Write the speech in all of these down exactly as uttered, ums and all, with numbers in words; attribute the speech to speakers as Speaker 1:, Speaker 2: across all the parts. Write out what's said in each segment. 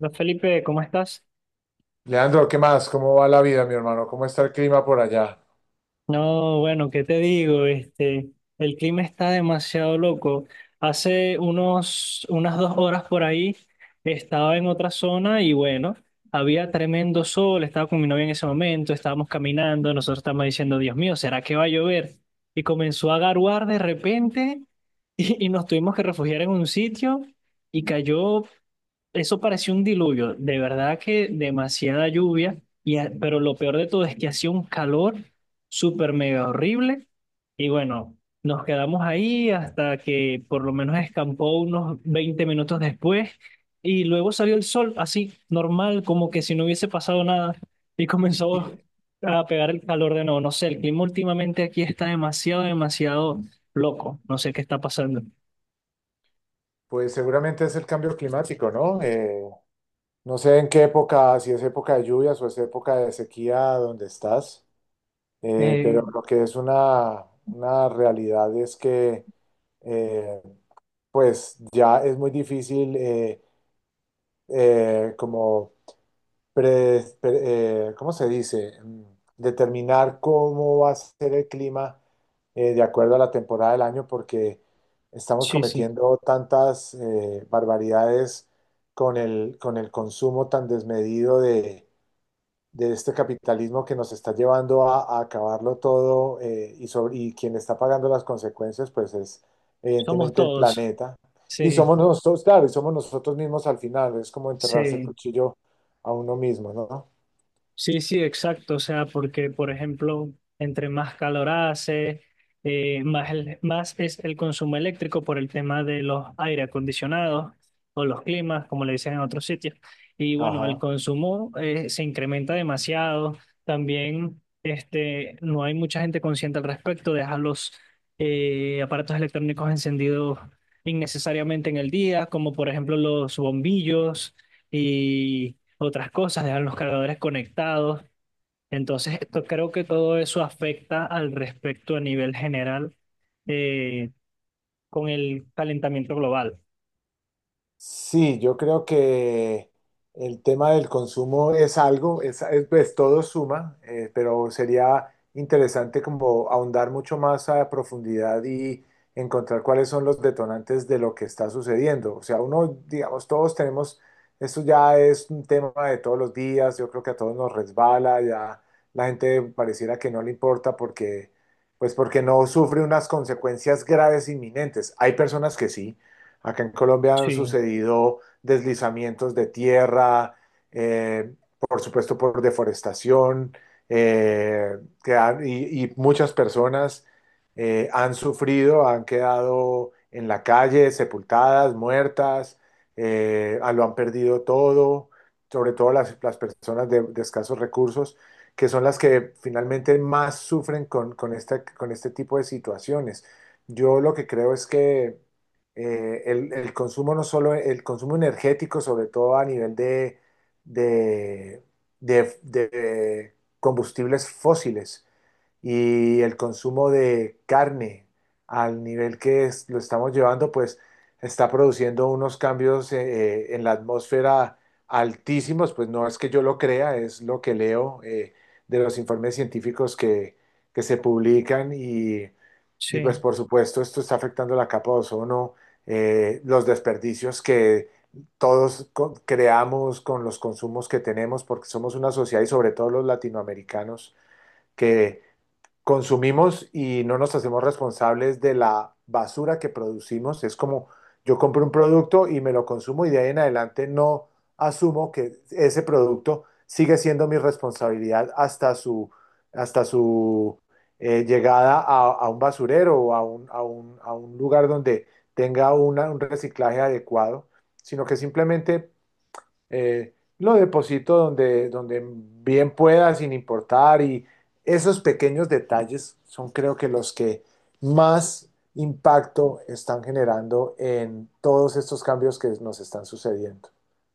Speaker 1: Hola Felipe, ¿cómo estás?
Speaker 2: Leandro, ¿qué más? ¿Cómo va la vida, mi hermano? ¿Cómo está el clima por allá?
Speaker 1: No, bueno, ¿qué te digo? Este, el clima está demasiado loco. Hace unos, unas dos horas por ahí estaba en otra zona y bueno, había tremendo sol, estaba con mi novia en ese momento, estábamos caminando, nosotros estábamos diciendo, Dios mío, ¿será que va a llover? Y comenzó a garuar de repente y, y nos tuvimos que refugiar en un sitio y cayó, eso pareció un diluvio, de verdad que demasiada lluvia, y, a- pero lo peor de todo es que hacía un calor súper mega horrible. Y bueno, nos quedamos ahí hasta que por lo menos escampó unos veinte minutos después y luego salió el sol así, normal, como que si no hubiese pasado nada y comenzó
Speaker 2: Y,
Speaker 1: a pegar el calor de nuevo. No sé, el clima últimamente aquí está demasiado, demasiado loco. No sé qué está pasando.
Speaker 2: Pues seguramente es el cambio climático, ¿no? Eh, no sé en qué época, si es época de lluvias o es época de sequía donde estás, eh,
Speaker 1: Eh,
Speaker 2: pero lo que es una, una realidad es que eh, pues ya es muy difícil eh, eh, como pre- pre- eh, ¿cómo se dice? Mm, Determinar cómo va a ser el clima eh, de acuerdo a la temporada del año, porque estamos
Speaker 1: sí, sí,
Speaker 2: cometiendo tantas eh, barbaridades con el, con el consumo tan desmedido de, de este capitalismo que nos está llevando a, a acabarlo todo eh, y, sobre, y quien está pagando las consecuencias, pues es
Speaker 1: somos
Speaker 2: evidentemente el
Speaker 1: todos.
Speaker 2: planeta. Y
Speaker 1: Sí,
Speaker 2: somos nosotros, claro, y somos nosotros mismos al final, es como enterrarse el
Speaker 1: sí.
Speaker 2: cuchillo a uno mismo, ¿no?
Speaker 1: Sí, sí, exacto. O sea, porque, por ejemplo, entre más calor hace, eh, más, el- más es el consumo eléctrico por el tema de los aire acondicionados o los climas, como le dicen en otros sitios. Y bueno, el
Speaker 2: Ajá.
Speaker 1: consumo eh, se incrementa demasiado. También este, no hay mucha gente consciente al respecto. Deja los eh, aparatos electrónicos encendidos innecesariamente en el día, como por ejemplo los bombillos, otras cosas, dejan los cargadores conectados. Entonces, esto, creo que todo eso afecta al respecto a nivel general eh, con el calentamiento global.
Speaker 2: Sí, yo creo que el tema del consumo es algo, es, es- pues todo suma, eh, pero sería interesante como ahondar mucho más a profundidad y encontrar cuáles son los detonantes de lo que está sucediendo. O sea, uno, digamos, todos tenemos, esto ya es un tema de todos los días, yo creo que a todos nos resbala, ya la gente pareciera que no le importa porque, pues porque no sufre unas consecuencias graves inminentes. Hay personas que sí. Acá en Colombia han
Speaker 1: Sí,
Speaker 2: sucedido deslizamientos de tierra, eh, por supuesto por deforestación, eh, que han- y, y muchas personas eh, han sufrido, han quedado en la calle, sepultadas, muertas, eh, ah, lo han perdido todo, sobre todo las, las personas de, de escasos recursos, que son las que finalmente más sufren con, con esta- con este tipo de situaciones. Yo lo que creo es que eh, el, el consumo no solo, el consumo energético, sobre todo a nivel de, de, de- de combustibles fósiles y el consumo de carne al nivel que es- lo estamos llevando, pues está produciendo unos cambios eh, eh, en la atmósfera altísimos, pues no es que yo lo crea, es lo que leo eh, de los informes científicos que, que se publican y y pues
Speaker 1: sí.
Speaker 2: por supuesto esto está afectando la capa de ozono, eh, los desperdicios que todos co- creamos con los consumos que tenemos, porque somos una sociedad y sobre todo los latinoamericanos que consumimos y no nos hacemos responsables de la basura que producimos. Es como yo compro un producto y me lo consumo y de ahí en adelante no asumo que ese producto sigue siendo mi responsabilidad hasta su, hasta su eh, llegada a, a un basurero o a un, a un- a un lugar donde tenga una- un reciclaje adecuado, sino que simplemente eh, lo deposito donde, donde bien pueda, sin importar. Y esos pequeños detalles son creo que los que más impacto están generando en todos estos cambios que nos están sucediendo.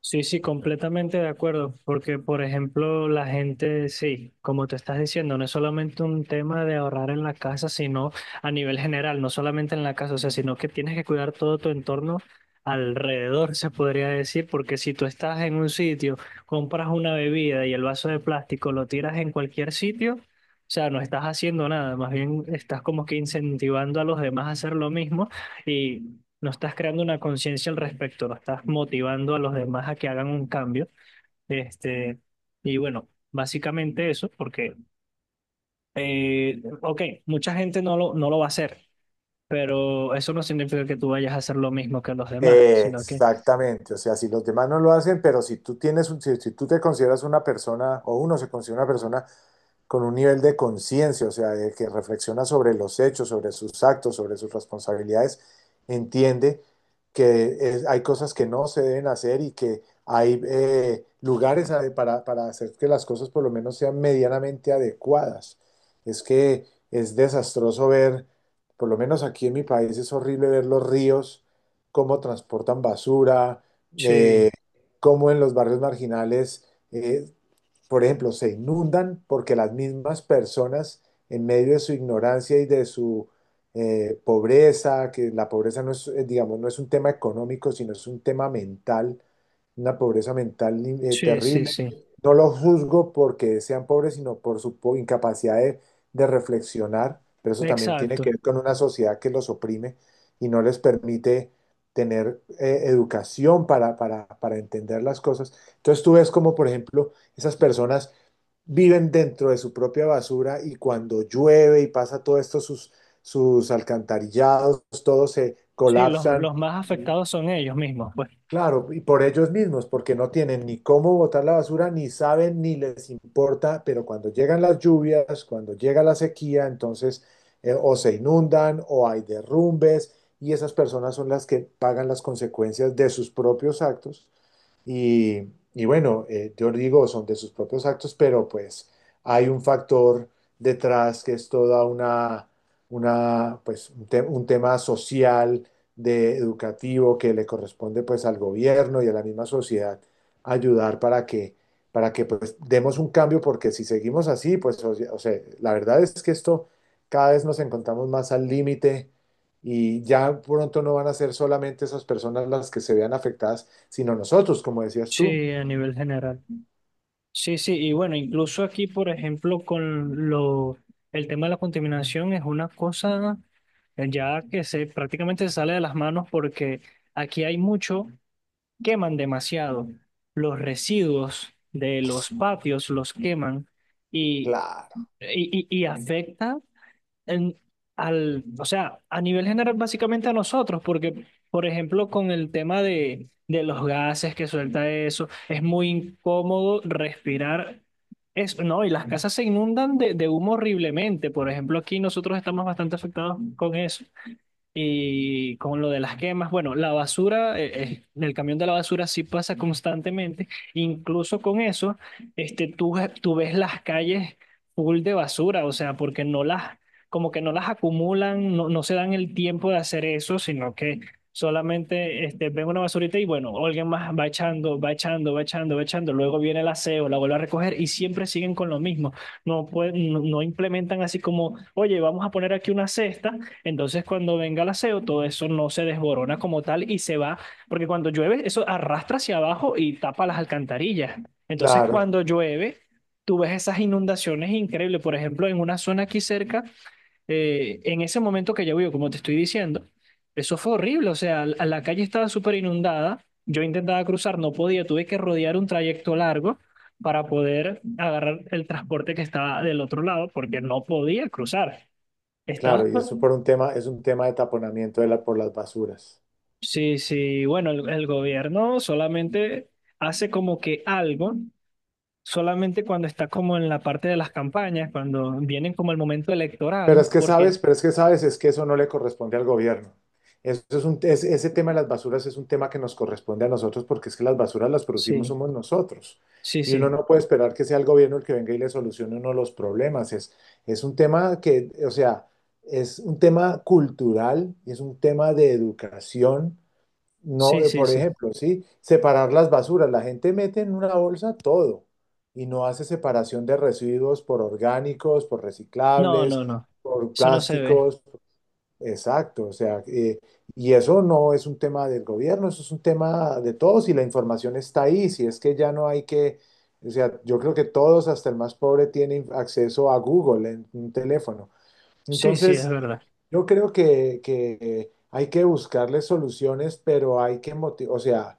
Speaker 1: Sí, sí, completamente de acuerdo, porque por ejemplo la gente, sí, como te estás diciendo, no es solamente un tema de ahorrar en la casa, sino a nivel general, no solamente en la casa, o sea, sino que tienes que cuidar todo tu entorno alrededor, se podría decir, porque si tú estás en un sitio, compras una bebida y el vaso de plástico lo tiras en cualquier sitio, o sea, no estás haciendo nada, más bien estás como que incentivando a los demás a hacer lo mismo. Y no estás creando una conciencia al respecto, no estás motivando a los demás a que hagan un cambio. Este, y bueno, básicamente eso, porque, eh, ok, mucha gente no lo, no lo va a hacer, pero eso no significa que tú vayas a hacer lo mismo que los demás, sino que,
Speaker 2: Exactamente, o sea, si los demás no lo hacen, pero si tú tienes un- si, si tú te consideras una persona o uno se considera una persona con un nivel de conciencia, o sea, de que reflexiona sobre los hechos, sobre sus actos, sobre sus responsabilidades, entiende que es- hay cosas que no se deben hacer y que hay eh, lugares a- para, para hacer que las cosas por lo menos sean medianamente adecuadas. Es que es desastroso ver, por lo menos aquí en mi país es horrible ver los ríos, cómo transportan basura, eh,
Speaker 1: sí,
Speaker 2: cómo en los barrios marginales eh, por ejemplo, se inundan porque las mismas personas, en medio de su ignorancia y de su eh, pobreza, que la pobreza no es, eh, digamos, no es un tema económico, sino es un tema mental, una pobreza mental eh,
Speaker 1: sí, sí,
Speaker 2: terrible.
Speaker 1: sí,
Speaker 2: No los juzgo porque sean pobres, sino por su po- incapacidad de, de reflexionar, pero eso también tiene
Speaker 1: exacto.
Speaker 2: que ver con una sociedad que los oprime y no les permite tener eh, educación para, para, para entender las cosas. Entonces tú ves como, por ejemplo, esas personas viven dentro de su propia basura y cuando llueve y pasa todo esto, sus, sus alcantarillados, todos se
Speaker 1: Sí, los,
Speaker 2: colapsan
Speaker 1: los más
Speaker 2: y
Speaker 1: afectados son ellos mismos, pues,
Speaker 2: claro, y por ellos mismos, porque no tienen ni cómo botar la basura, ni saben, ni les importa, pero cuando llegan las lluvias, cuando llega la sequía, entonces eh, o se inundan o hay derrumbes y esas personas son las que pagan las consecuencias de sus propios actos y, y bueno, eh, yo digo, son de sus propios actos, pero pues hay un factor detrás que es toda una, una pues un, te- un tema social, de educativo, que le corresponde pues al gobierno y a la misma sociedad ayudar para que, para que pues demos un cambio, porque si seguimos así, pues o sea, o sea, la verdad es que esto cada vez nos encontramos más al límite y ya pronto no van a ser solamente esas personas las que se vean afectadas sino nosotros, como decías tú.
Speaker 1: sí, a nivel general. Sí, sí, y bueno, incluso aquí, por ejemplo, con lo, el tema de la contaminación es una cosa eh, ya que se prácticamente se sale de las manos porque aquí hay mucho, queman demasiado. Los residuos de los patios los queman y,
Speaker 2: Claro,
Speaker 1: y, y y afecta en- al, o sea, a nivel general, básicamente a nosotros, porque, por ejemplo, con el tema de, de los gases que suelta eso, es muy incómodo respirar. Es, no, y las casas se inundan de, de humo horriblemente. Por ejemplo, aquí nosotros estamos bastante afectados con eso. Y con lo de las quemas, bueno, la basura, eh, eh, el camión de la basura sí pasa constantemente. Incluso con eso, este, tú, tú ves las calles full de basura, o sea, porque no las, como que no las acumulan, no, no se dan el tiempo de hacer eso, sino que solamente este, ven una basurita y bueno, alguien más va echando, va echando, va echando, va echando. Luego viene el aseo, la vuelve a recoger y siempre siguen con lo mismo. No, pueden, no no implementan así como, oye, vamos a poner aquí una cesta, entonces, cuando venga el aseo, todo eso no se desborona como tal y se va, porque cuando llueve, eso arrastra hacia abajo y tapa las alcantarillas. Entonces,
Speaker 2: claro,
Speaker 1: cuando llueve, tú ves esas inundaciones increíbles. Por ejemplo, en una zona aquí cerca, eh, en ese momento que llovió, como te estoy diciendo, eso fue horrible. O sea, la la calle estaba súper inundada. Yo intentaba cruzar, no podía, tuve que rodear un trayecto largo para poder agarrar el transporte que estaba del otro lado, porque no podía cruzar. Estaba
Speaker 2: claro, y eso por un tema, es un tema de taponamiento de la, por las basuras.
Speaker 1: Sí, sí, bueno, el, el gobierno solamente hace como que algo, solamente cuando está como en la parte de las campañas, cuando vienen como el momento
Speaker 2: Pero
Speaker 1: electoral,
Speaker 2: es que sabes,
Speaker 1: porque
Speaker 2: pero es que sabes, es que eso no le corresponde al gobierno. Eso es un, es- ese tema de las basuras es un tema que nos corresponde a nosotros porque es que las basuras las producimos
Speaker 1: sí,
Speaker 2: somos nosotros.
Speaker 1: sí,
Speaker 2: Y uno
Speaker 1: sí,
Speaker 2: no puede esperar que sea el gobierno el que venga y le solucione uno los problemas. Es, es un tema que, o sea, es un tema cultural, es un tema de educación. No,
Speaker 1: sí,
Speaker 2: eh,
Speaker 1: sí,
Speaker 2: por
Speaker 1: sí.
Speaker 2: ejemplo, sí, separar las basuras. La gente mete en una bolsa todo y no hace separación de residuos por orgánicos, por
Speaker 1: No, no,
Speaker 2: reciclables,
Speaker 1: no,
Speaker 2: por
Speaker 1: eso no se ve.
Speaker 2: plásticos. Exacto, o sea, eh, y eso no es un tema del gobierno, eso es un tema de todos y la información está ahí. Si es que ya no hay que, o sea, yo creo que todos, hasta el más pobre, tienen acceso a Google en un teléfono.
Speaker 1: Sí, sí, es
Speaker 2: Entonces,
Speaker 1: verdad.
Speaker 2: yo creo que, que hay que buscarle soluciones, pero hay que motivar, o sea,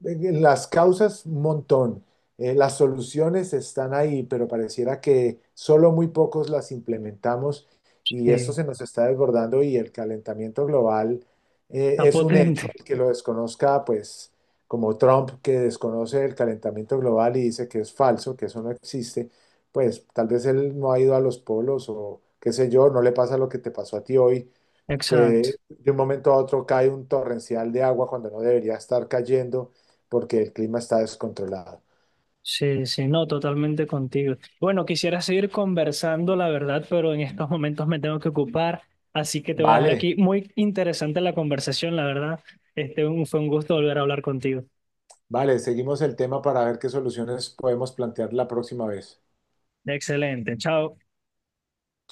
Speaker 2: las causas, un montón. Eh, las soluciones están ahí, pero pareciera que solo muy pocos las implementamos y eso
Speaker 1: Sí,
Speaker 2: se nos está desbordando y el calentamiento global eh,
Speaker 1: está
Speaker 2: es un hecho.
Speaker 1: potente.
Speaker 2: El que lo desconozca, pues como Trump, que desconoce el calentamiento global y dice que es falso, que eso no existe, pues tal vez él no ha ido a los polos o qué sé yo, no le pasa lo que te pasó a ti hoy, que
Speaker 1: Exacto.
Speaker 2: de un momento a otro cae un torrencial de agua cuando no debería estar cayendo porque el clima está descontrolado.
Speaker 1: Sí, sí, no, totalmente contigo. Bueno, quisiera seguir conversando, la verdad, pero en estos momentos me tengo que ocupar, así que te voy a dejar
Speaker 2: Vale,
Speaker 1: aquí. Muy interesante la conversación, la verdad. Este, un- fue un gusto volver a hablar contigo.
Speaker 2: vale, seguimos el tema para ver qué soluciones podemos plantear la próxima vez.
Speaker 1: Excelente, chao.